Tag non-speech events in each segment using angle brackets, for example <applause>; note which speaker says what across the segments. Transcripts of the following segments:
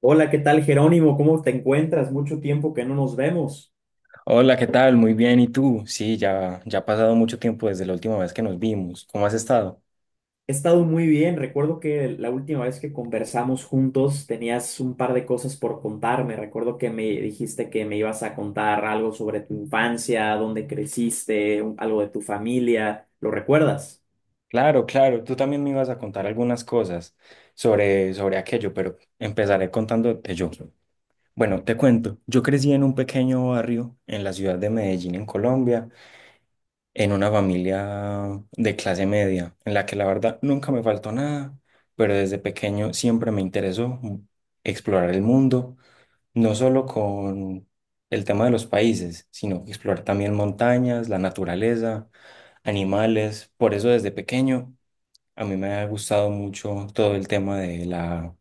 Speaker 1: Hola, ¿qué tal, Jerónimo? ¿Cómo te encuentras? Mucho tiempo que no nos vemos.
Speaker 2: Hola, ¿qué tal? Muy bien, ¿y tú? Sí, ya, ya ha pasado mucho tiempo desde la última vez que nos vimos. ¿Cómo has estado?
Speaker 1: He estado muy bien. Recuerdo que la última vez que conversamos juntos tenías un par de cosas por contarme. Recuerdo que me dijiste que me ibas a contar algo sobre tu infancia, dónde creciste, algo de tu familia. ¿Lo recuerdas?
Speaker 2: Claro, claro, tú también me ibas a contar algunas cosas sobre aquello, pero empezaré contándote yo. Bueno, te cuento, yo crecí en un pequeño barrio en la ciudad de Medellín, en Colombia, en una familia de clase media, en la que la verdad nunca me faltó nada, pero desde pequeño siempre me interesó explorar el mundo no solo con el tema de los países, sino explorar también montañas, la naturaleza, animales. Por eso desde pequeño a mí me ha gustado mucho todo el tema de la,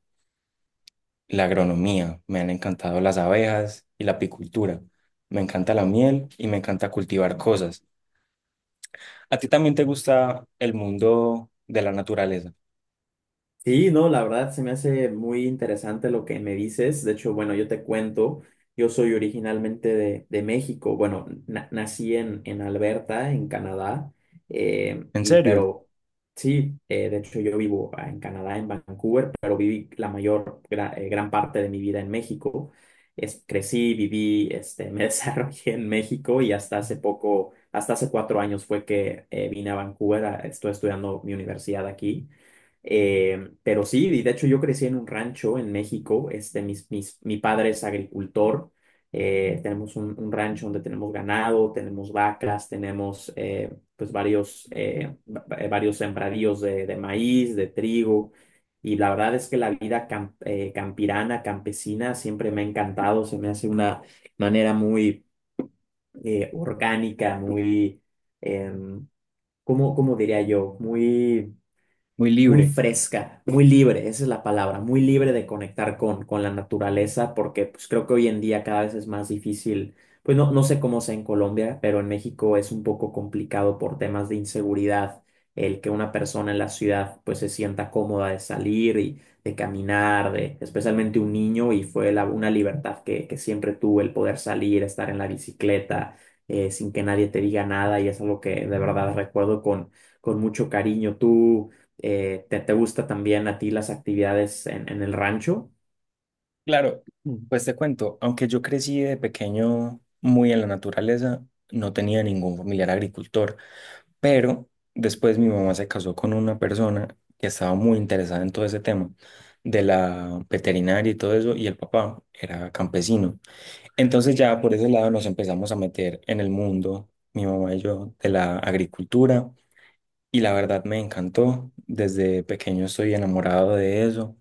Speaker 2: la agronomía. Me han encantado las abejas y la apicultura. Me encanta la miel y me encanta cultivar cosas. ¿A ti también te gusta el mundo de la naturaleza?
Speaker 1: Sí, no, la verdad se me hace muy interesante lo que me dices. De hecho, bueno, yo te cuento, yo soy originalmente de México. Bueno, nací en Alberta, en Canadá,
Speaker 2: ¿En
Speaker 1: y
Speaker 2: serio?
Speaker 1: pero sí, de hecho yo vivo en Canadá, en Vancouver, pero viví gran parte de mi vida en México. Crecí, viví, este, me <laughs> desarrollé en México y hasta hace 4 años fue que vine a Vancouver, estoy estudiando mi universidad aquí. Pero sí, y de hecho yo crecí en un rancho en México, este, mi padre es agricultor. Tenemos un rancho donde tenemos ganado, tenemos vacas, tenemos pues varios sembradíos de maíz, de trigo, y la verdad es que la vida campirana, campesina, siempre me ha encantado. Se me hace una manera muy orgánica, muy, em, ¿Cómo diría yo? Muy
Speaker 2: Muy
Speaker 1: muy
Speaker 2: libre.
Speaker 1: fresca, muy libre, esa es la palabra, muy libre de conectar con la naturaleza, porque pues creo que hoy en día cada vez es más difícil, pues no sé cómo sea en Colombia, pero en México es un poco complicado por temas de inseguridad el que una persona en la ciudad pues se sienta cómoda de salir y de caminar, de, especialmente un niño. Y fue una libertad que siempre tuve el poder salir, estar en la bicicleta, sin que nadie te diga nada, y es algo que de verdad recuerdo con mucho cariño. ¿Te gusta también a ti las actividades en el rancho?
Speaker 2: Claro, pues te cuento, aunque yo crecí de pequeño muy en la naturaleza, no tenía ningún familiar agricultor, pero después mi mamá se casó con una persona que estaba muy interesada en todo ese tema de la veterinaria y todo eso, y el papá era campesino. Entonces ya por ese lado nos empezamos a meter en el mundo, mi mamá y yo, de la agricultura, y la verdad me encantó, desde pequeño estoy enamorado de eso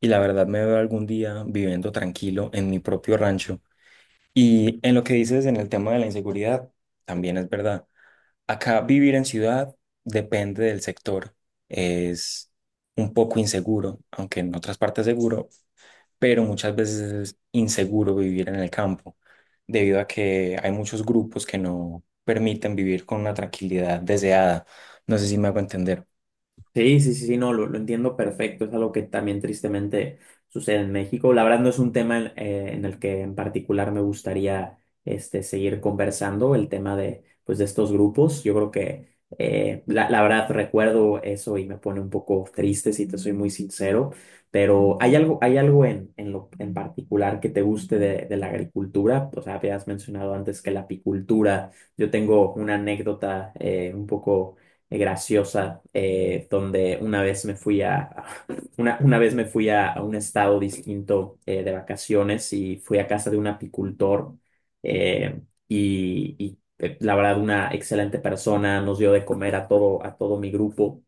Speaker 2: y la verdad me veo algún día viviendo tranquilo en mi propio rancho. Y en lo que dices en el tema de la inseguridad, también es verdad. Acá vivir en ciudad depende del sector. Es un poco inseguro, aunque en otras partes seguro, pero muchas veces es inseguro vivir en el campo, debido a que hay muchos grupos que no permiten vivir con una tranquilidad deseada. No sé si me hago entender.
Speaker 1: Sí, sí, sí, sí, no, lo entiendo perfecto. Es algo que también tristemente sucede en México. La verdad no es un tema en el que en particular me gustaría este, seguir conversando, el tema pues de estos grupos. Yo creo que la verdad recuerdo eso y me pone un poco triste, si te soy muy sincero, pero ¿hay algo en particular que te guste de la agricultura? O sea, habías mencionado antes que la apicultura. Yo tengo una anécdota un poco graciosa, donde una vez me fui <laughs> una vez me fui a un estado distinto de vacaciones y fui a casa de un apicultor. eh, y, la verdad una excelente persona, nos dio de comer a todo mi grupo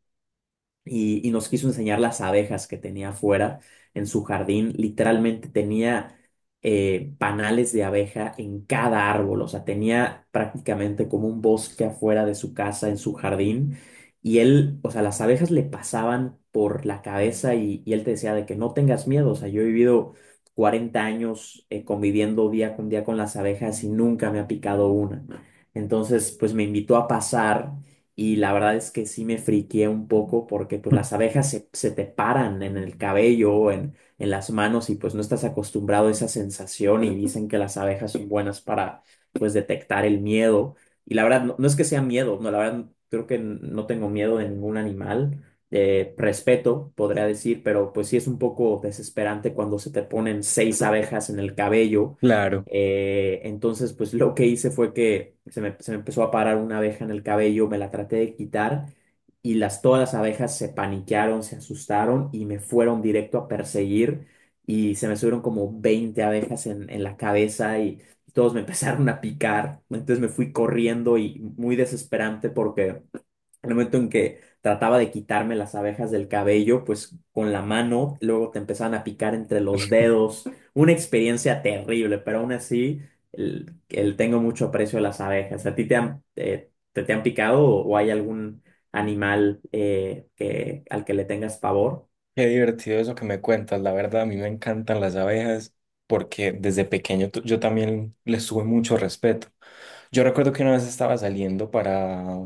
Speaker 1: y nos quiso enseñar las abejas que tenía afuera en su jardín. Literalmente tenía panales de abeja en cada árbol, o sea, tenía prácticamente como un bosque afuera de su casa, en su jardín. Y él, o sea, las abejas le pasaban por la cabeza y él te decía de que no tengas miedo. O sea, yo he vivido 40 años conviviendo día con las abejas y nunca me ha picado una. Entonces, pues me invitó a pasar, y la verdad es que sí me friqué un poco porque pues las
Speaker 2: <laughs>
Speaker 1: abejas se te paran en el cabello, o en las manos, y pues no estás acostumbrado a esa sensación, y <laughs> dicen que las abejas son buenas para pues detectar el miedo. Y la verdad no es que sea miedo, no, la verdad creo que no tengo miedo de ningún animal. Respeto podría decir, pero pues sí es un poco desesperante cuando se te ponen seis abejas en el cabello.
Speaker 2: Claro.
Speaker 1: Entonces, pues lo que hice fue que se me empezó a parar una abeja en el cabello, me la traté de quitar y todas las abejas se paniquearon, se asustaron y me fueron directo a perseguir, y se me subieron como 20 abejas en la cabeza y todos me <laughs> empezaron a picar. Entonces me fui corriendo, y muy desesperante porque el momento en que trataba de quitarme las abejas del cabello, pues con la mano, luego te empezaban a picar entre los dedos. Una experiencia terrible, pero aún así el tengo mucho aprecio a las abejas. ¿A ti te han picado, o hay algún animal al que le tengas pavor?
Speaker 2: Qué divertido eso que me cuentas, la verdad, a mí me encantan las abejas porque desde pequeño yo también les tuve mucho respeto. Yo recuerdo que una vez estaba saliendo para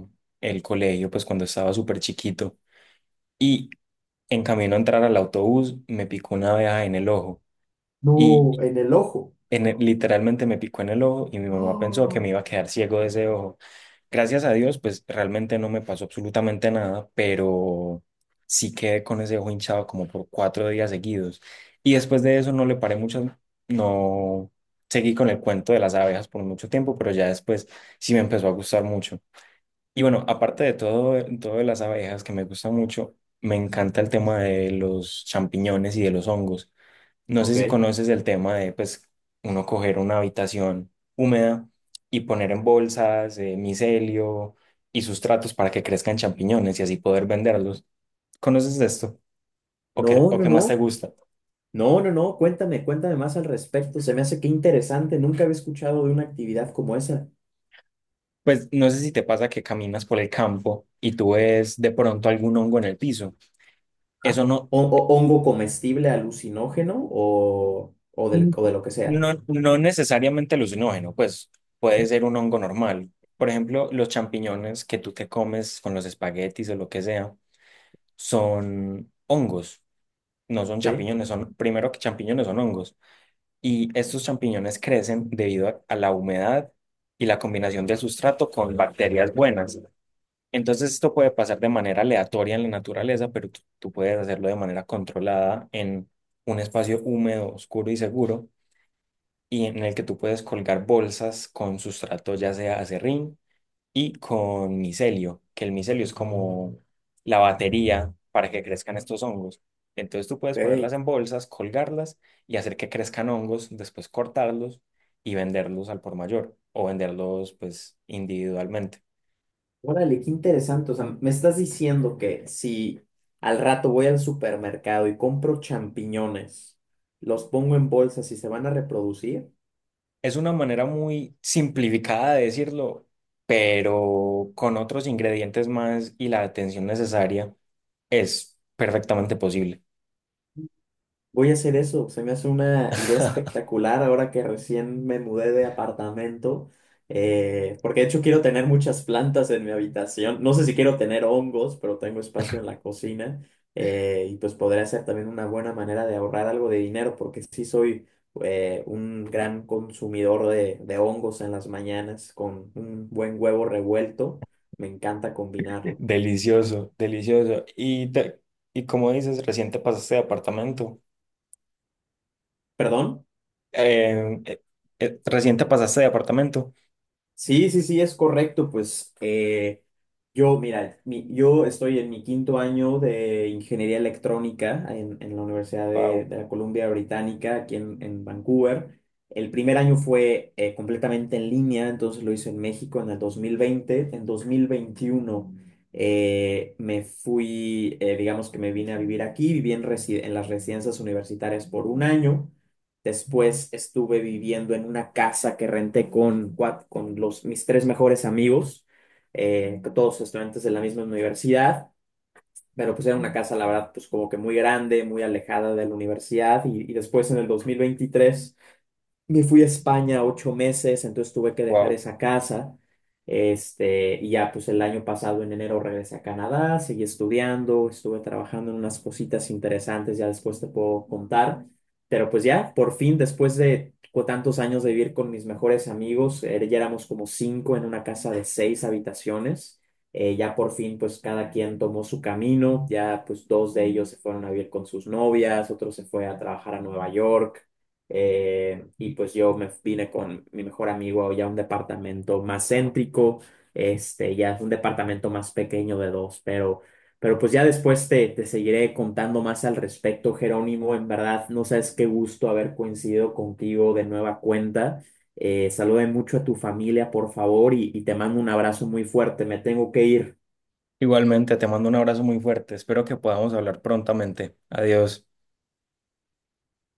Speaker 2: el colegio, pues cuando estaba súper chiquito, y en camino a entrar al autobús me picó una abeja en el ojo y
Speaker 1: No, en el ojo.
Speaker 2: literalmente me picó en el ojo y mi mamá pensó que me iba a quedar ciego de ese ojo. Gracias a Dios, pues realmente no me pasó absolutamente nada, pero sí quedé con ese ojo hinchado como por cuatro días seguidos. Y después de eso no le paré mucho, no seguí con el cuento de las abejas por mucho tiempo, pero ya después sí me empezó a gustar mucho. Y bueno, aparte de todo de las abejas que me gusta mucho, me encanta el tema de los champiñones y de los hongos. No sé
Speaker 1: Ok.
Speaker 2: si conoces el tema de, pues, uno coger una habitación húmeda y poner en bolsas micelio y sustratos para que crezcan champiñones y así poder venderlos. ¿Conoces de esto?
Speaker 1: No,
Speaker 2: O
Speaker 1: no,
Speaker 2: qué más te
Speaker 1: no.
Speaker 2: gusta?
Speaker 1: No, no, no. Cuéntame más al respecto. Se me hace que interesante. Nunca había escuchado de una actividad como esa.
Speaker 2: Pues no sé si te pasa que caminas por el campo y tú ves de pronto algún hongo en el piso.
Speaker 1: Ah,
Speaker 2: Eso no.
Speaker 1: o hongo comestible alucinógeno,
Speaker 2: Mm.
Speaker 1: o de lo que sea.
Speaker 2: No, no necesariamente alucinógeno, pues puede ser un hongo normal. Por ejemplo, los champiñones que tú te comes con los espaguetis o lo que sea son hongos, no son
Speaker 1: Sí.
Speaker 2: champiñones, son primero que champiñones son hongos. Y estos champiñones crecen debido a la humedad y la combinación del sustrato con bacterias buenas. Entonces esto puede pasar de manera aleatoria en la naturaleza, pero tú puedes hacerlo de manera controlada en un espacio húmedo, oscuro y seguro, y en el que tú puedes colgar bolsas con sustrato, ya sea acerrín y con micelio, que el micelio es como la batería para que crezcan estos hongos. Entonces tú puedes
Speaker 1: Ok.
Speaker 2: ponerlas en bolsas, colgarlas y hacer que crezcan hongos, después cortarlos y venderlos al por mayor o venderlos pues individualmente.
Speaker 1: Órale, qué interesante. O sea, me estás diciendo que si al rato voy al supermercado y compro champiñones, los pongo en bolsas y se van a reproducir.
Speaker 2: Es una manera muy simplificada de decirlo, pero con otros ingredientes más y la atención necesaria es perfectamente posible.
Speaker 1: Voy a hacer eso, se me hace una idea
Speaker 2: <laughs>
Speaker 1: espectacular ahora que recién me mudé de apartamento, porque de hecho quiero tener muchas plantas en mi habitación, no sé si quiero tener hongos, pero tengo espacio en la cocina y pues podría ser también una buena manera de ahorrar algo de dinero, porque sí soy un gran consumidor de hongos en las mañanas con un buen huevo revuelto, me encanta combinarlo.
Speaker 2: Delicioso, delicioso. Y como dices, reciente pasaste de apartamento.
Speaker 1: ¿Perdón?
Speaker 2: Eh, eh, Reciente pasaste de apartamento.
Speaker 1: Sí, sí, sí, es correcto. Pues, mira, yo estoy en mi quinto año de ingeniería electrónica en la Universidad de,
Speaker 2: Wow,
Speaker 1: de la Columbia Británica, aquí en Vancouver. El primer año fue completamente en línea, entonces lo hice en México en el 2020. En 2021 digamos que me vine a vivir aquí, viví en las residencias universitarias por un año. Después estuve viviendo en una casa que renté con mis tres mejores amigos, que todos estudiantes de la misma universidad, pero pues era una casa, la verdad, pues como que muy grande, muy alejada de la universidad, y después en el 2023 me fui a España 8 meses, entonces tuve que dejar
Speaker 2: wow.
Speaker 1: esa casa. Este, y ya pues el año pasado en enero regresé a Canadá, seguí estudiando, estuve trabajando en unas cositas interesantes, ya después te puedo contar. Pero pues ya, por fin, después de tantos años de vivir con mis mejores amigos, ya éramos como cinco en una casa de seis habitaciones. Ya por fin, pues cada quien tomó su camino, ya pues dos de ellos se fueron a vivir con sus novias, otro se fue a trabajar a Nueva York, y pues yo me vine con mi mejor amigo ya a un departamento más céntrico. Este, ya es un departamento más pequeño de dos, pero, pues ya después te seguiré contando más al respecto, Jerónimo. En verdad, no sabes qué gusto haber coincidido contigo de nueva cuenta. Salude mucho a tu familia, por favor, y te mando un abrazo muy fuerte, me tengo que ir.
Speaker 2: Igualmente, te mando un abrazo muy fuerte. Espero que podamos hablar prontamente. Adiós.